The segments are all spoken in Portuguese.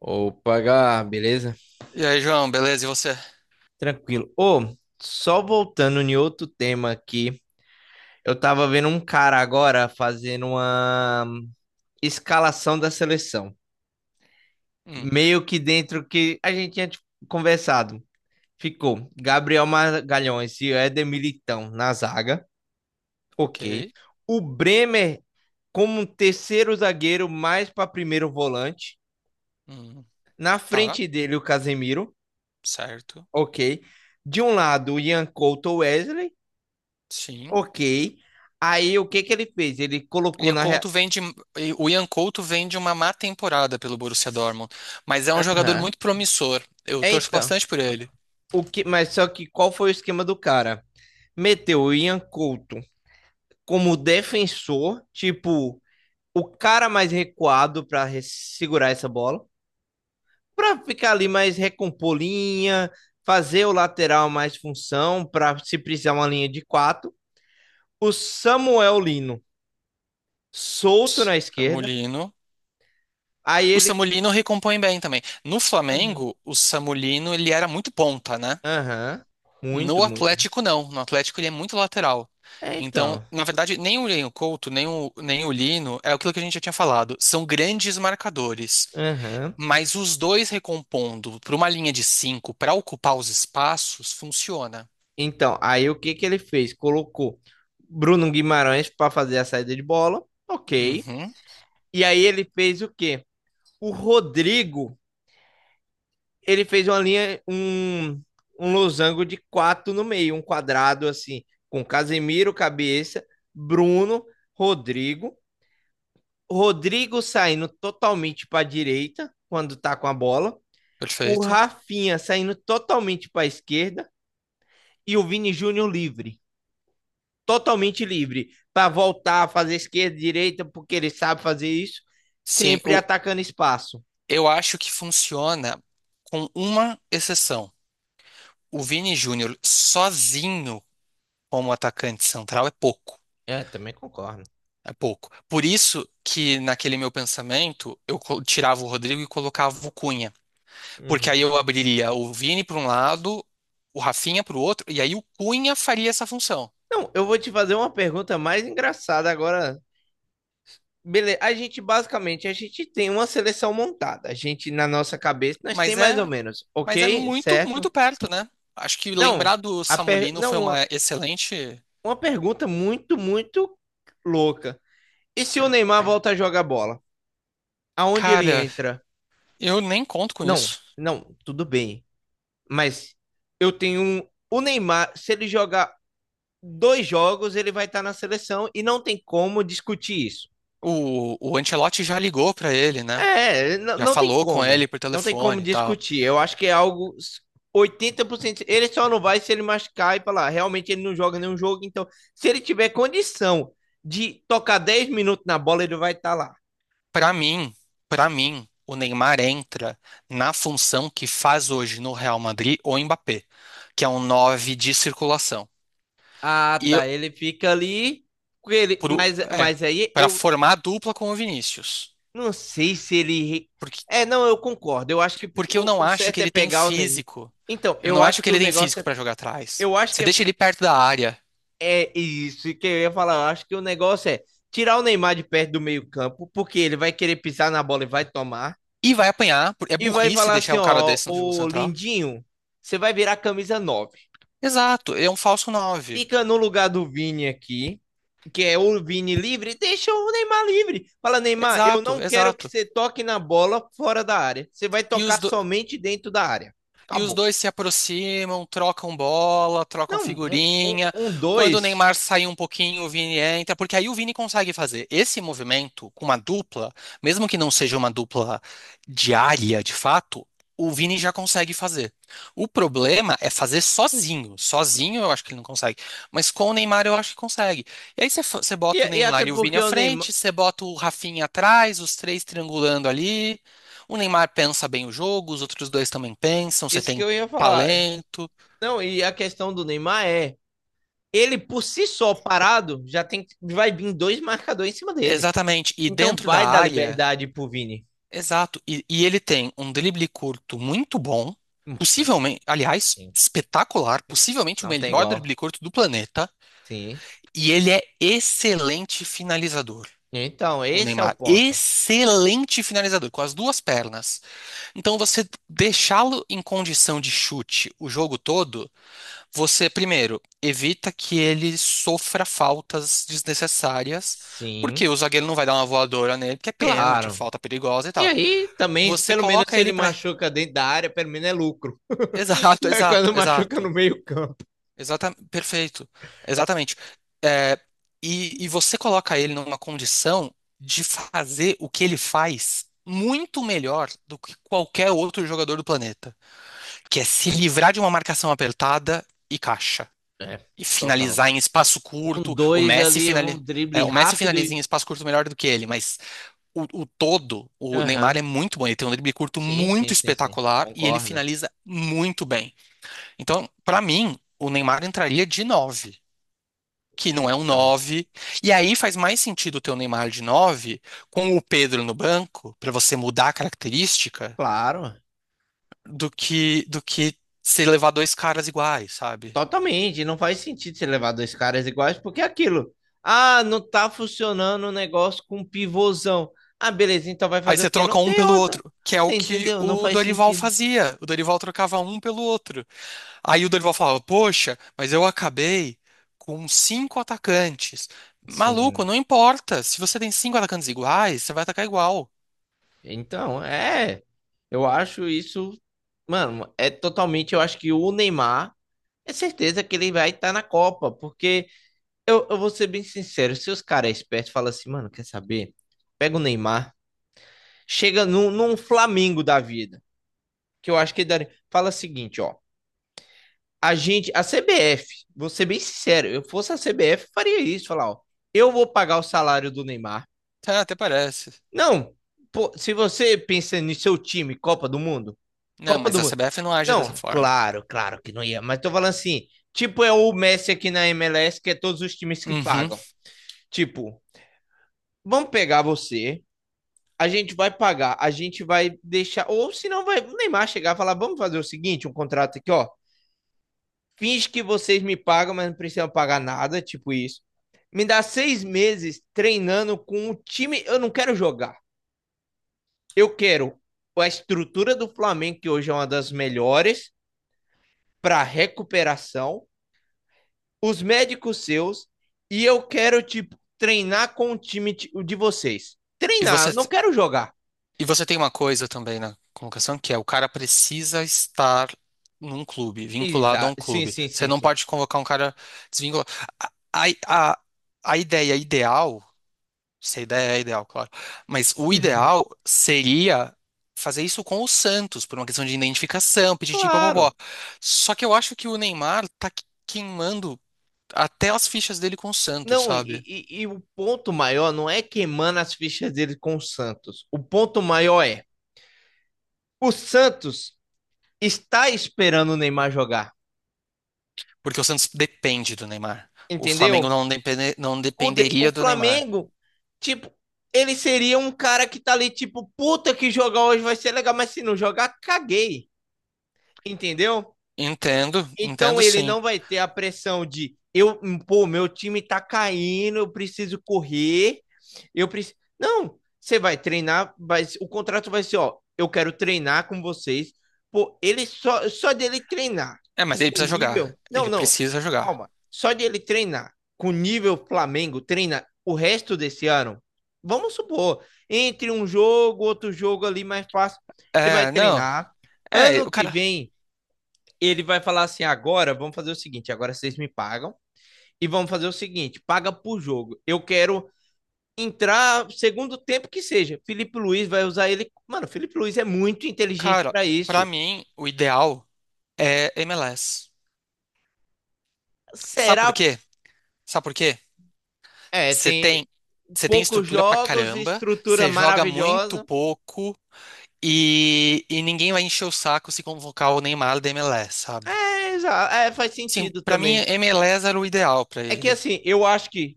Opa, Gá, beleza? E aí, João, beleza? E você? Tranquilo. Ô, só voltando em outro tema aqui, eu tava vendo um cara agora fazendo uma escalação da seleção. Hum, Meio que dentro que a gente tinha, tipo, conversado. Ficou Gabriel Magalhães e Éder Militão na zaga. Ok. ok. O Bremer como um terceiro zagueiro, mais para primeiro volante. Hum, Na tá, frente dele, o Casemiro. certo. Ok. De um lado, o Ian Couto Wesley. Sim. Ok. Aí o que que ele fez? Ele colocou Ian na. Couto vem de, e o Ian Couto vem de uma má temporada pelo Borussia Dortmund, mas é um jogador Aham. muito promissor. Eu É, torço então, bastante por ele. o que... mas só que qual foi o esquema do cara? Meteu o Ian Couto como defensor, tipo, o cara mais recuado para segurar essa bola, para ficar ali mais recompor linha, fazer o lateral mais função, para se precisar uma linha de quatro. O Samuel Lino solto na esquerda. Samulino. Aí O ele. Samulino recompõe bem também. No Aham. Flamengo, o Samulino ele era muito ponta, né? Aham. Muito, No muito. Atlético, não. No Atlético, ele é muito lateral. É, Então, então. na verdade, nem o Ian Couto, nem o Lino, é aquilo que a gente já tinha falado. São grandes marcadores. Aham. Mas os dois recompondo para uma linha de cinco para ocupar os espaços, funciona. Então, aí o que que ele fez? Colocou Bruno Guimarães para fazer a saída de bola. Ok. Uhum, E aí ele fez o quê? O Rodrigo, ele fez uma linha, um losango de quatro no meio, um quadrado assim, com Casemiro, cabeça, Bruno, Rodrigo. Rodrigo saindo totalmente para a direita quando tá com a bola. O perfeito. Rafinha saindo totalmente para a esquerda e o Vini Júnior livre. Totalmente livre para voltar a fazer esquerda, direita, porque ele sabe fazer isso, Sim, sempre o- atacando espaço. eu acho que funciona com uma exceção. O Vini Júnior sozinho como atacante central é pouco. É, também concordo. É pouco. Por isso que naquele meu pensamento tirava o Rodrigo e colocava o Cunha. Porque aí Uhum. eu abriria o Vini para um lado, o Rafinha para o outro, e aí o Cunha faria essa função. Não, eu vou te fazer uma pergunta mais engraçada agora. Beleza, a gente basicamente a gente tem uma seleção montada. A gente na nossa cabeça nós tem Mas mais ou é, menos, mas é ok? muito, Certo? muito perto, né? Acho que Não, lembrar do a Samulino não foi uma, uma excelente. uma pergunta muito muito louca. E se o Neymar volta a jogar bola? Aonde ele Cara, entra? eu nem conto com Não, isso. não, tudo bem. Mas eu tenho um, o Neymar, se ele jogar dois jogos, ele vai estar na seleção e não tem como discutir isso. O Ancelotti já ligou pra ele, né? É, Já não tem falou com ele como. por Não tem como telefone e tal. discutir. Eu acho que é algo 80%. Ele só não vai se ele machucar e falar, realmente ele não joga nenhum jogo. Então, se ele tiver condição de tocar 10 minutos na bola, ele vai estar lá. Pra mim, para mim, o Neymar entra na função que faz hoje no Real Madrid o Mbappé, que é um 9 de circulação. Ah, E eu- tá. Ele fica ali. Com ele, pro, mas, é, mas aí Para eu formar a dupla com o Vinícius. Não sei se ele. É, não, eu concordo. Eu acho que Porque eu não o acho certo que é ele tem pegar o Neymar. físico. Então, Eu eu não acho acho que que o ele tem negócio físico é. pra jogar atrás. Eu acho Você que é, deixa ele perto da área é isso que eu ia falar. Eu acho que o negócio é tirar o Neymar de perto do meio-campo, porque ele vai querer pisar na bola e vai tomar. e vai apanhar. É E vai burrice falar deixar assim: um cara ó, desse no jogo ô central. Lindinho, você vai virar camisa 9. Exato, é um falso nove. Fica no lugar do Vini aqui, que é o Vini livre, deixa o Neymar livre. Fala, Neymar, eu Exato, não quero que exato. você toque na bola fora da área. Você vai E os tocar somente dentro da área. E os Acabou. dois se aproximam, trocam bola, trocam Não, um, um, figurinha. um Quando o dois. Neymar sai um pouquinho, o Vini entra, porque aí o Vini consegue fazer esse movimento com uma dupla, mesmo que não seja uma dupla diária de fato, o Vini já consegue fazer. O problema é fazer sozinho. Sozinho eu acho que ele não consegue, mas com o Neymar eu acho que consegue. E aí você E, bota o e até Neymar e o Vini porque à o Neymar. frente, você bota o Rafinha atrás, os três triangulando ali. O Neymar pensa bem o jogo, os outros dois também pensam, você Isso que tem eu ia falar. talento. Não, e a questão do Neymar é. Ele por si só parado já tem vai vir dois marcadores em cima dele. Exatamente. E Então dentro da vai dar área, liberdade pro Vini. exato. E ele tem um drible curto muito bom, possivelmente, aliás, Sim, espetacular, possivelmente o não tem melhor igual. drible curto do planeta. Sim. E ele é excelente finalizador. Então, O esse é o Neymar, ponto. excelente finalizador, com as duas pernas. Então, você deixá-lo em condição de chute o jogo todo. Você, primeiro, evita que ele sofra faltas desnecessárias, Sim, porque o zagueiro não vai dar uma voadora nele, porque é pênalti, é claro. falta perigosa e E tal. aí, também, Você pelo menos coloca se ele ele pra. machuca dentro da área, pelo menos é lucro. Exato, É exato, quando machuca no exato. meio-campo. Exata... Perfeito. Exatamente. É, e você coloca ele numa condição de fazer o que ele faz muito melhor do que qualquer outro jogador do planeta, que é se livrar de uma marcação apertada e caixa, É, e total. finalizar em espaço Um curto. O dois Messi ali, um finali... é, drible o Messi rápido. finaliza em espaço curto melhor do que ele, mas o todo, o Neymar é Aham. muito bom. Ele tem um drible curto Sim, sim, muito sim, sim. espetacular e ele Concordo. finaliza muito bem. Então, pra mim, o Neymar entraria de 9 que não é um Então, nove. E aí faz mais sentido ter o Neymar de 9 com o Pedro no banco, pra você mudar a característica, claro. do que se levar dois caras iguais, sabe? Totalmente. Não faz sentido você levar dois caras iguais, porque é aquilo. Ah, não tá funcionando o negócio com pivôzão. Ah, beleza, então vai Aí fazer o você quê? troca Não um tem pelo outra. outro, que é o Você que entendeu? Não o faz Dorival sentido. fazia. O Dorival trocava um pelo outro. Aí o Dorival falava: Poxa, mas eu acabei com cinco atacantes. Maluco, Sim. não importa. Se você tem cinco atacantes iguais, você vai atacar igual. Então, é. Eu acho isso. Mano, é totalmente. Eu acho que o Neymar é certeza que ele vai estar na Copa. Porque eu vou ser bem sincero: se os caras espertos falam assim, mano, quer saber? Pega o Neymar, chega num Flamengo da vida. Que eu acho que ele daria. Fala o seguinte, ó. A gente, a CBF, vou ser bem sincero, eu fosse a CBF, faria isso, falar, ó, eu vou pagar o salário do Neymar. Tá, até parece. Não, pô, se você pensa no seu time, Copa do Mundo, Não, Copa mas do a Mundo. CBF não age dessa Não, forma. claro, claro que não ia, mas tô falando assim, tipo é o Messi aqui na MLS, que é todos os times que Uhum. pagam. Tipo, vamos pegar você, a gente vai pagar, a gente vai deixar, ou se não vai o Neymar chegar e falar, vamos fazer o seguinte, um contrato aqui, ó, finge que vocês me pagam, mas não precisam pagar nada, tipo isso. Me dá 6 meses treinando com o time, eu não quero jogar. Eu quero a estrutura do Flamengo, que hoje é uma das melhores, para recuperação, os médicos seus, e eu quero, tipo, treinar com o time de vocês. E você. Treinar, não quero jogar. E você tem uma coisa também na convocação, que é o cara precisa estar num clube, vinculado a Exa um sim, clube. sim, Você sim, não sim. pode convocar um cara desvinculado. A, a, a ideia ideal, se a ideia é ideal, claro, mas o ideal seria fazer isso com o Santos, por uma questão de identificação, pedir papapó. Claro. Só que eu acho que o Neymar tá queimando até as fichas dele com o Santos, Não, e, sabe? e o ponto maior não é queimando as fichas dele com o Santos. O ponto maior é: o Santos está esperando o Neymar jogar, Porque o Santos depende do Neymar. O Flamengo entendeu? não depende- Não O, o dependeria do Neymar. Flamengo, tipo, ele seria um cara que tá ali, tipo, puta que jogar hoje vai ser legal, mas se não jogar, caguei. Entendeu? Entendo, Então entendo ele sim. não vai ter a pressão de eu, pô, meu time tá caindo, eu preciso correr, eu preciso. Não, você vai treinar, vai, o contrato vai ser, ó, eu quero treinar com vocês. Pô, ele só dele treinar É, mas ele o precisa jogar. nível. Não, Ele não. precisa jogar. Calma. Só de ele treinar com o nível Flamengo, treina o resto desse ano. Vamos supor, entre um jogo, outro jogo ali mais fácil, ele vai É, não. treinar. É, Ano o que cara. vem, ele vai falar assim: agora vamos fazer o seguinte, agora vocês me pagam e vamos fazer o seguinte: paga por jogo. Eu quero entrar segundo tempo que seja. Felipe Luiz vai usar ele. Mano, Felipe Luiz é muito inteligente Cara, para pra isso. mim, o ideal é M L S. Sabe por Será? quê? Sabe por quê? É, Você tem, tem, você tem poucos estrutura pra jogos e caramba, estrutura você joga muito maravilhosa. pouco e ninguém vai encher o saco se convocar o Neymar da M L S, sabe? É, é, faz Sim, sentido pra mim, também. M L S era o ideal pra É que ele. assim, eu acho que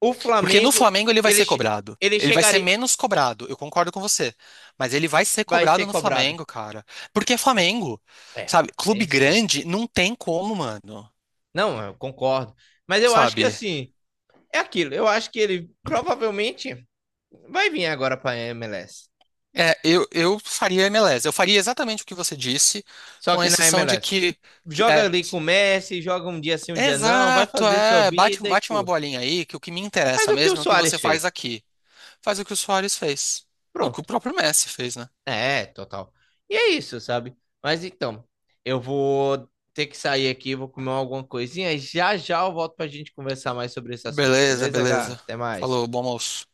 o Porque no Flamengo, Flamengo ele vai ele, ser cobrado. ele Ele vai ser chegaria, menos cobrado, eu concordo com você. Mas ele vai ser vai ser cobrado no cobrado. Flamengo, cara. Porque é Flamengo, É, sabe? tem Clube esse ponto. grande não tem como, mano. Não, eu concordo. Mas eu acho que Sabe? assim, é aquilo. Eu acho que ele provavelmente vai vir agora para a MLS. É, eu faria MLS. Eu faria exatamente o que você disse, Só com que na exceção de MLS, que joga é. ali com o Messi, joga um dia sim, um dia não, vai Exato, fazer sua é. Bate, vida e bate uma curte. bolinha aí, que o que me Mas interessa o que o mesmo é o que Soares você faz fez? aqui. Faz o que o Suárez fez. O que o Pronto. próprio Messi fez, né? É, total. E é isso, sabe? Mas então, eu vou ter que sair aqui, vou comer alguma coisinha e já já eu volto pra gente conversar mais sobre esse assunto. Beleza, Beleza, Gá? beleza. Até mais. Falou, bom almoço.